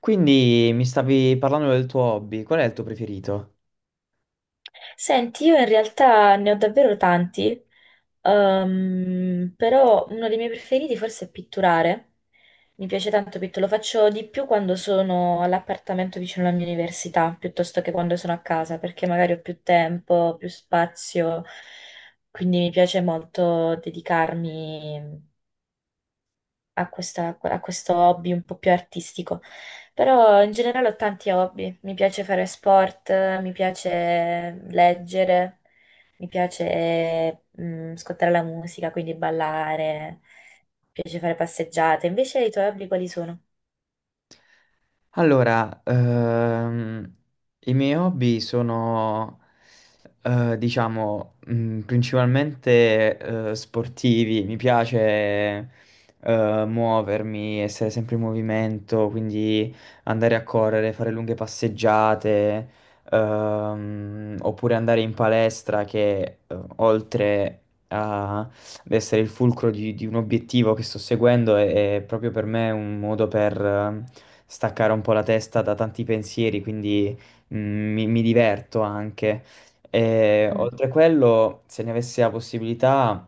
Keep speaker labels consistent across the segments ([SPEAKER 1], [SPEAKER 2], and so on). [SPEAKER 1] Quindi mi stavi parlando del tuo hobby, qual è il tuo preferito?
[SPEAKER 2] Senti, io in realtà ne ho davvero tanti, però uno dei miei preferiti forse è pitturare. Mi piace tanto pitturare, lo faccio di più quando sono all'appartamento vicino alla mia università, piuttosto che quando sono a casa, perché magari ho più tempo, più spazio, quindi mi piace molto dedicarmi a questo hobby un po' più artistico. Però in generale ho tanti hobby, mi piace fare sport, mi piace leggere, mi piace ascoltare la musica, quindi ballare, mi piace fare passeggiate. Invece i tuoi hobby quali sono?
[SPEAKER 1] Allora, i miei hobby sono, diciamo, principalmente sportivi, mi piace muovermi, essere sempre in movimento, quindi andare a correre, fare lunghe passeggiate, oppure andare in palestra che oltre ad essere il fulcro di un obiettivo che sto seguendo è proprio per me un modo per staccare un po' la testa da tanti pensieri, quindi mi diverto anche. E,
[SPEAKER 2] Mm.
[SPEAKER 1] oltre a quello, se ne avessi la possibilità,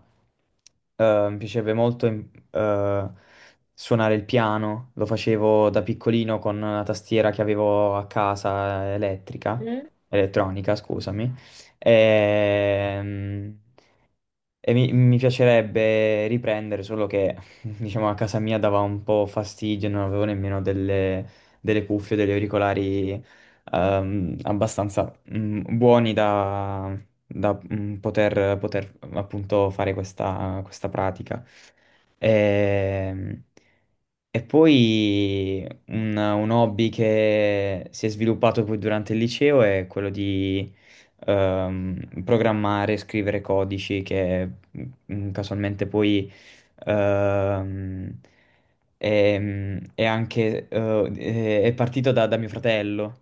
[SPEAKER 1] mi piacerebbe molto suonare il piano. Lo facevo da piccolino con la tastiera che avevo a casa elettrica,
[SPEAKER 2] Mm?
[SPEAKER 1] elettronica, scusami. Ehm, e mi piacerebbe riprendere, solo che diciamo a casa mia dava un po' fastidio, non avevo nemmeno delle cuffie, degli auricolari abbastanza buoni poter, appunto fare questa pratica. Ehm, E poi un hobby che si è sviluppato poi durante il liceo è quello programmare, scrivere codici che casualmente poi ehm, è, è anche è partito da mio fratello.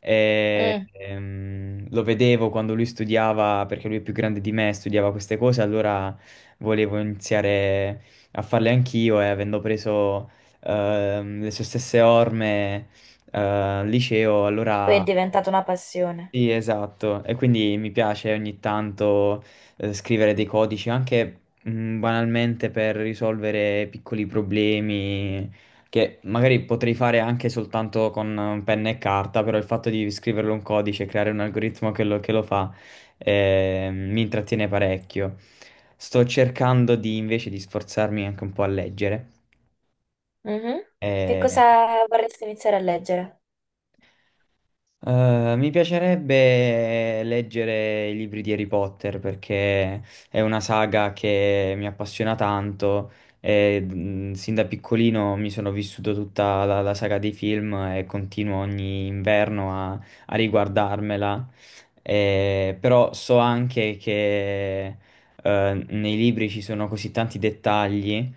[SPEAKER 1] E,
[SPEAKER 2] Mm.
[SPEAKER 1] ehm, lo vedevo quando lui studiava, perché lui è più grande di me, studiava queste cose, allora volevo iniziare a farle anch'io e avendo preso le sue stesse orme al liceo,
[SPEAKER 2] Poi è
[SPEAKER 1] allora
[SPEAKER 2] diventata una passione.
[SPEAKER 1] sì, esatto, e quindi mi piace ogni tanto scrivere dei codici anche banalmente per risolvere piccoli problemi che magari potrei fare anche soltanto con penna e carta, però il fatto di scriverlo un codice e creare un algoritmo che lo fa mi intrattiene parecchio. Sto cercando di invece di sforzarmi anche un po' a leggere.
[SPEAKER 2] Mhm. Che
[SPEAKER 1] eh,
[SPEAKER 2] cosa vorresti iniziare a leggere?
[SPEAKER 1] Eh, mi piacerebbe leggere i libri di Harry Potter perché è una saga che mi appassiona tanto e sin da piccolino mi sono vissuto tutta la saga dei film e continuo ogni inverno a riguardarmela. Però so anche che nei libri ci sono così tanti dettagli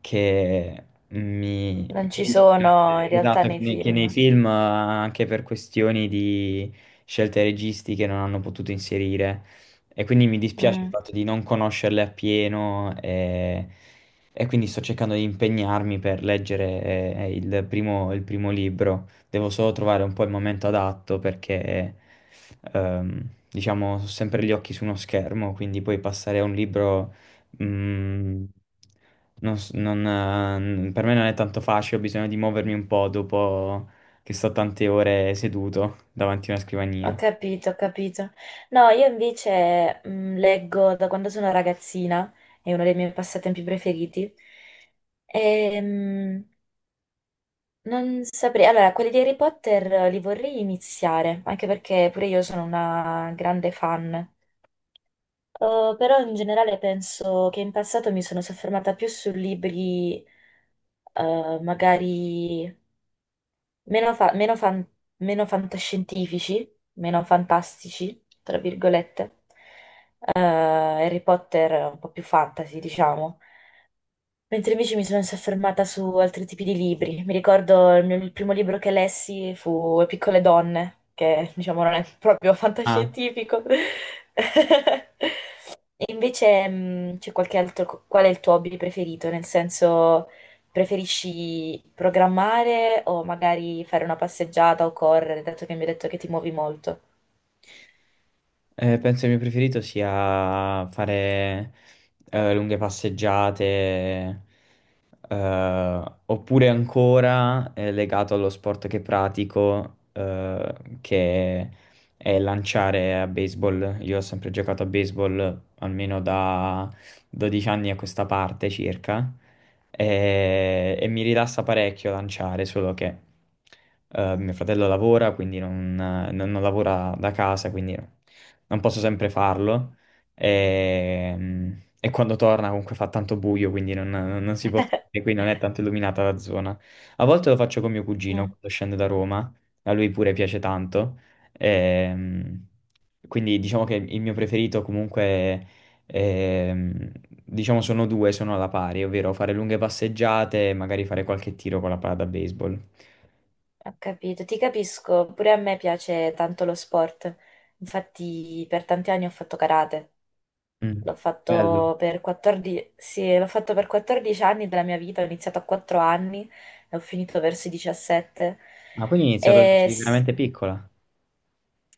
[SPEAKER 1] che mi,
[SPEAKER 2] Non ci
[SPEAKER 1] mi
[SPEAKER 2] sono
[SPEAKER 1] dispiace,
[SPEAKER 2] in realtà
[SPEAKER 1] esatto,
[SPEAKER 2] nei
[SPEAKER 1] che nei
[SPEAKER 2] film.
[SPEAKER 1] film, anche per questioni di scelte registiche, non hanno potuto inserire. E quindi mi dispiace il
[SPEAKER 2] Mm.
[SPEAKER 1] fatto di non conoscerle appieno e quindi sto cercando di impegnarmi per leggere il primo libro. Devo solo trovare un po' il momento adatto perché, diciamo, ho sempre gli occhi su uno schermo, quindi poi passare a un libro. Mm, non s- non, per me non è tanto facile, ho bisogno di muovermi un po' dopo che sto tante ore seduto davanti a una
[SPEAKER 2] Ho
[SPEAKER 1] scrivania.
[SPEAKER 2] capito, ho capito. No, io invece leggo da quando sono ragazzina, è uno dei miei passatempi preferiti. Ehm, non saprei. Allora, quelli di Harry Potter li vorrei iniziare, anche perché pure io sono una grande fan. Oh, però in generale penso che in passato mi sono soffermata più su libri magari meno, fa- meno fan- meno fantascientifici, meno fantastici, tra virgolette. Harry Potter un po' più fantasy, diciamo. Mentre invece mi sono soffermata su altri tipi di libri. Mi ricordo il primo libro che lessi fu Piccole donne, che diciamo non è proprio fantascientifico. E invece c'è qualche altro, qual è il tuo hobby preferito? Nel senso, preferisci programmare o magari fare una passeggiata o correre, dato che mi hai detto che ti muovi molto?
[SPEAKER 1] Penso il mio preferito sia fare lunghe passeggiate, oppure ancora legato allo sport che pratico, che è lanciare a baseball. Io ho sempre giocato a baseball almeno da 12 anni a questa parte circa, e mi rilassa parecchio lanciare, solo che mio fratello lavora, quindi non lavora da casa, quindi non posso sempre farlo. E quando torna comunque fa tanto buio, quindi non, non si può fare, qui non è tanto illuminata la zona. A volte lo faccio con mio cugino quando scende da Roma, a lui pure piace tanto. Ehm, quindi diciamo che il mio preferito comunque, ehm, diciamo sono due, sono alla pari, ovvero fare lunghe passeggiate e magari fare qualche tiro con la palla da baseball.
[SPEAKER 2] Ho capito, ti capisco, pure a me piace tanto lo sport, infatti per tanti anni ho fatto karate,
[SPEAKER 1] Mm.
[SPEAKER 2] l'ho
[SPEAKER 1] Bello.
[SPEAKER 2] fatto per 14, sì, l'ho fatto per 14 anni della mia vita, ho iniziato a 4 anni e ho finito verso i 17.
[SPEAKER 1] Ma quindi hai iniziato
[SPEAKER 2] E
[SPEAKER 1] di
[SPEAKER 2] s-
[SPEAKER 1] veramente piccola?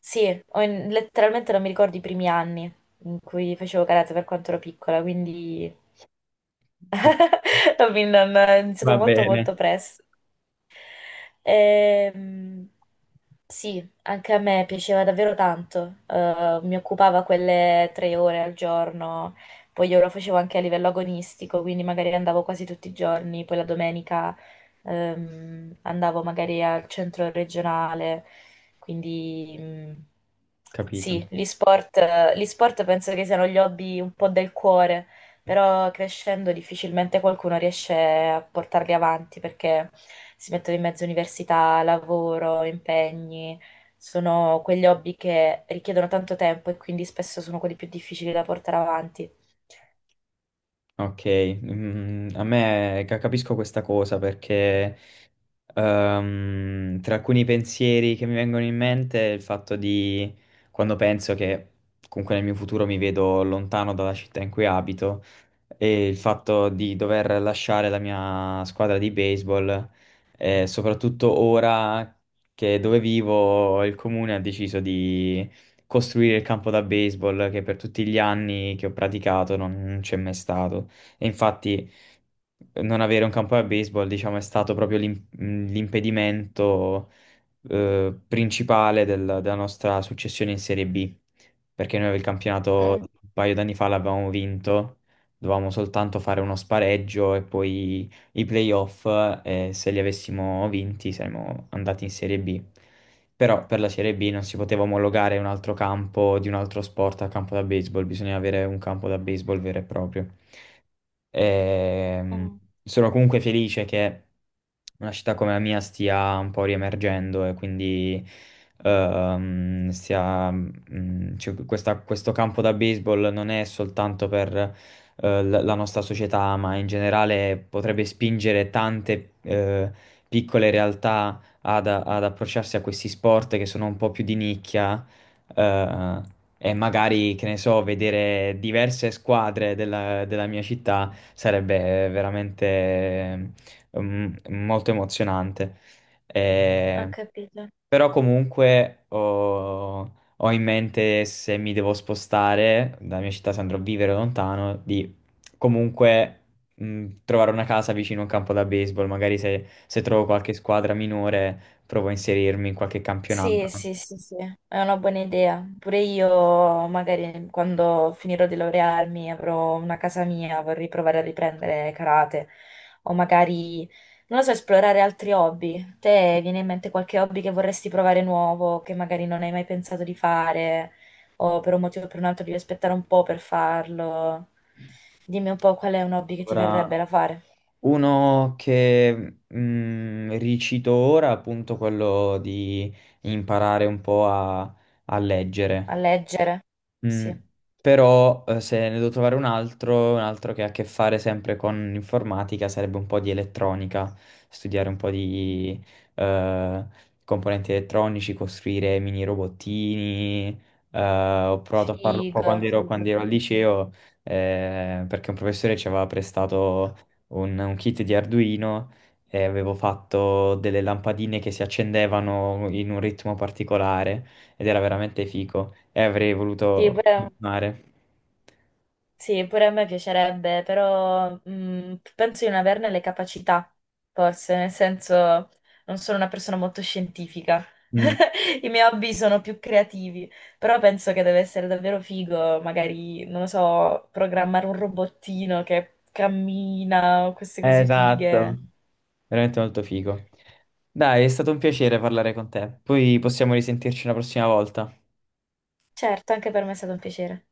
[SPEAKER 2] sì, letteralmente non mi ricordo i primi anni in cui facevo karate per quanto ero piccola, quindi ho iniziato
[SPEAKER 1] Va
[SPEAKER 2] molto
[SPEAKER 1] bene.
[SPEAKER 2] molto presto. Ehm, Sì, anche a me piaceva davvero tanto. Mi occupava quelle 3 ore al giorno, poi io lo facevo anche a livello agonistico, quindi magari andavo quasi tutti i giorni, poi la domenica andavo magari al centro regionale, quindi
[SPEAKER 1] Capito.
[SPEAKER 2] sì, gli sport penso che siano gli hobby un po' del cuore però crescendo difficilmente qualcuno riesce a portarli avanti perché si mettono in mezzo università, lavoro, impegni, sono quegli hobby che richiedono tanto tempo e quindi spesso sono quelli più difficili da portare avanti.
[SPEAKER 1] Ok, capisco questa cosa perché tra alcuni pensieri che mi vengono in mente è il fatto di quando penso che comunque nel mio futuro mi vedo lontano dalla città in cui abito e il fatto di dover lasciare la mia squadra di baseball, soprattutto ora che dove vivo il comune ha deciso di costruire il campo da baseball che per tutti gli anni che ho praticato non c'è mai stato. E infatti non avere un campo da baseball, diciamo, è stato proprio l'impedimento principale della nostra successione in Serie B, perché noi il campionato
[SPEAKER 2] Mm,
[SPEAKER 1] un paio d'anni fa l'avevamo vinto, dovevamo soltanto fare uno spareggio e poi i playoff, e se li avessimo vinti saremmo andati in Serie B. Però per la Serie B non si poteva omologare un altro campo di un altro sport al campo da baseball, bisognava avere un campo da baseball vero e proprio. Ehm,
[SPEAKER 2] mm.
[SPEAKER 1] Sono comunque felice che una città come la mia stia un po' riemergendo e quindi cioè, questo campo da baseball non è soltanto per la nostra società, ma in generale potrebbe spingere tante piccole realtà ad approcciarsi a questi sport che sono un po' più di nicchia. E magari, che ne so, vedere diverse squadre della mia città sarebbe veramente molto emozionante.
[SPEAKER 2] Ho
[SPEAKER 1] Eh,
[SPEAKER 2] capito.
[SPEAKER 1] però comunque ho in mente, se mi devo spostare dalla mia città, se andrò a vivere lontano, di comunque trovare una casa vicino a un campo da baseball. Magari se trovo qualche squadra minore, provo a inserirmi in qualche
[SPEAKER 2] Sì,
[SPEAKER 1] campionato.
[SPEAKER 2] sì, sì, sì, è una buona idea. Pure io, magari quando finirò di laurearmi, avrò una casa mia, vorrei provare a riprendere karate o magari, non lo so, esplorare altri hobby. Te viene in mente qualche hobby che vorresti provare nuovo, che magari non hai mai pensato di fare, o per un motivo o per un altro devi aspettare un po' per farlo? Dimmi un po' qual è un hobby che ti verrebbe
[SPEAKER 1] Ora
[SPEAKER 2] da fare.
[SPEAKER 1] Uno che mm, ricito ora, appunto quello di imparare un po' a leggere.
[SPEAKER 2] A leggere?
[SPEAKER 1] Mm.
[SPEAKER 2] Sì.
[SPEAKER 1] Però se ne devo trovare un altro che ha a che fare sempre con informatica, sarebbe un po' di elettronica, studiare un po' di eh, componenti elettronici, costruire mini robottini. Ho provato a farlo un po'
[SPEAKER 2] Figo, figo,
[SPEAKER 1] quando ero al
[SPEAKER 2] figo, figo.
[SPEAKER 1] liceo, perché un professore ci aveva prestato un kit di Arduino e avevo fatto delle lampadine che si accendevano in un ritmo particolare ed era veramente fico e avrei
[SPEAKER 2] Sì,
[SPEAKER 1] voluto
[SPEAKER 2] pure
[SPEAKER 1] continuare.
[SPEAKER 2] Sì, pure a me piacerebbe, però mm, penso di non averne le capacità, forse, nel senso non sono una persona molto scientifica.
[SPEAKER 1] Mm.
[SPEAKER 2] I miei hobby sono più creativi, però penso che deve essere davvero figo, magari, non lo so, programmare un robottino che cammina o queste cose fighe.
[SPEAKER 1] Esatto, veramente molto figo. Dai, è stato un piacere parlare con te. Poi possiamo risentirci una prossima volta.
[SPEAKER 2] Certo, anche per me è stato un piacere.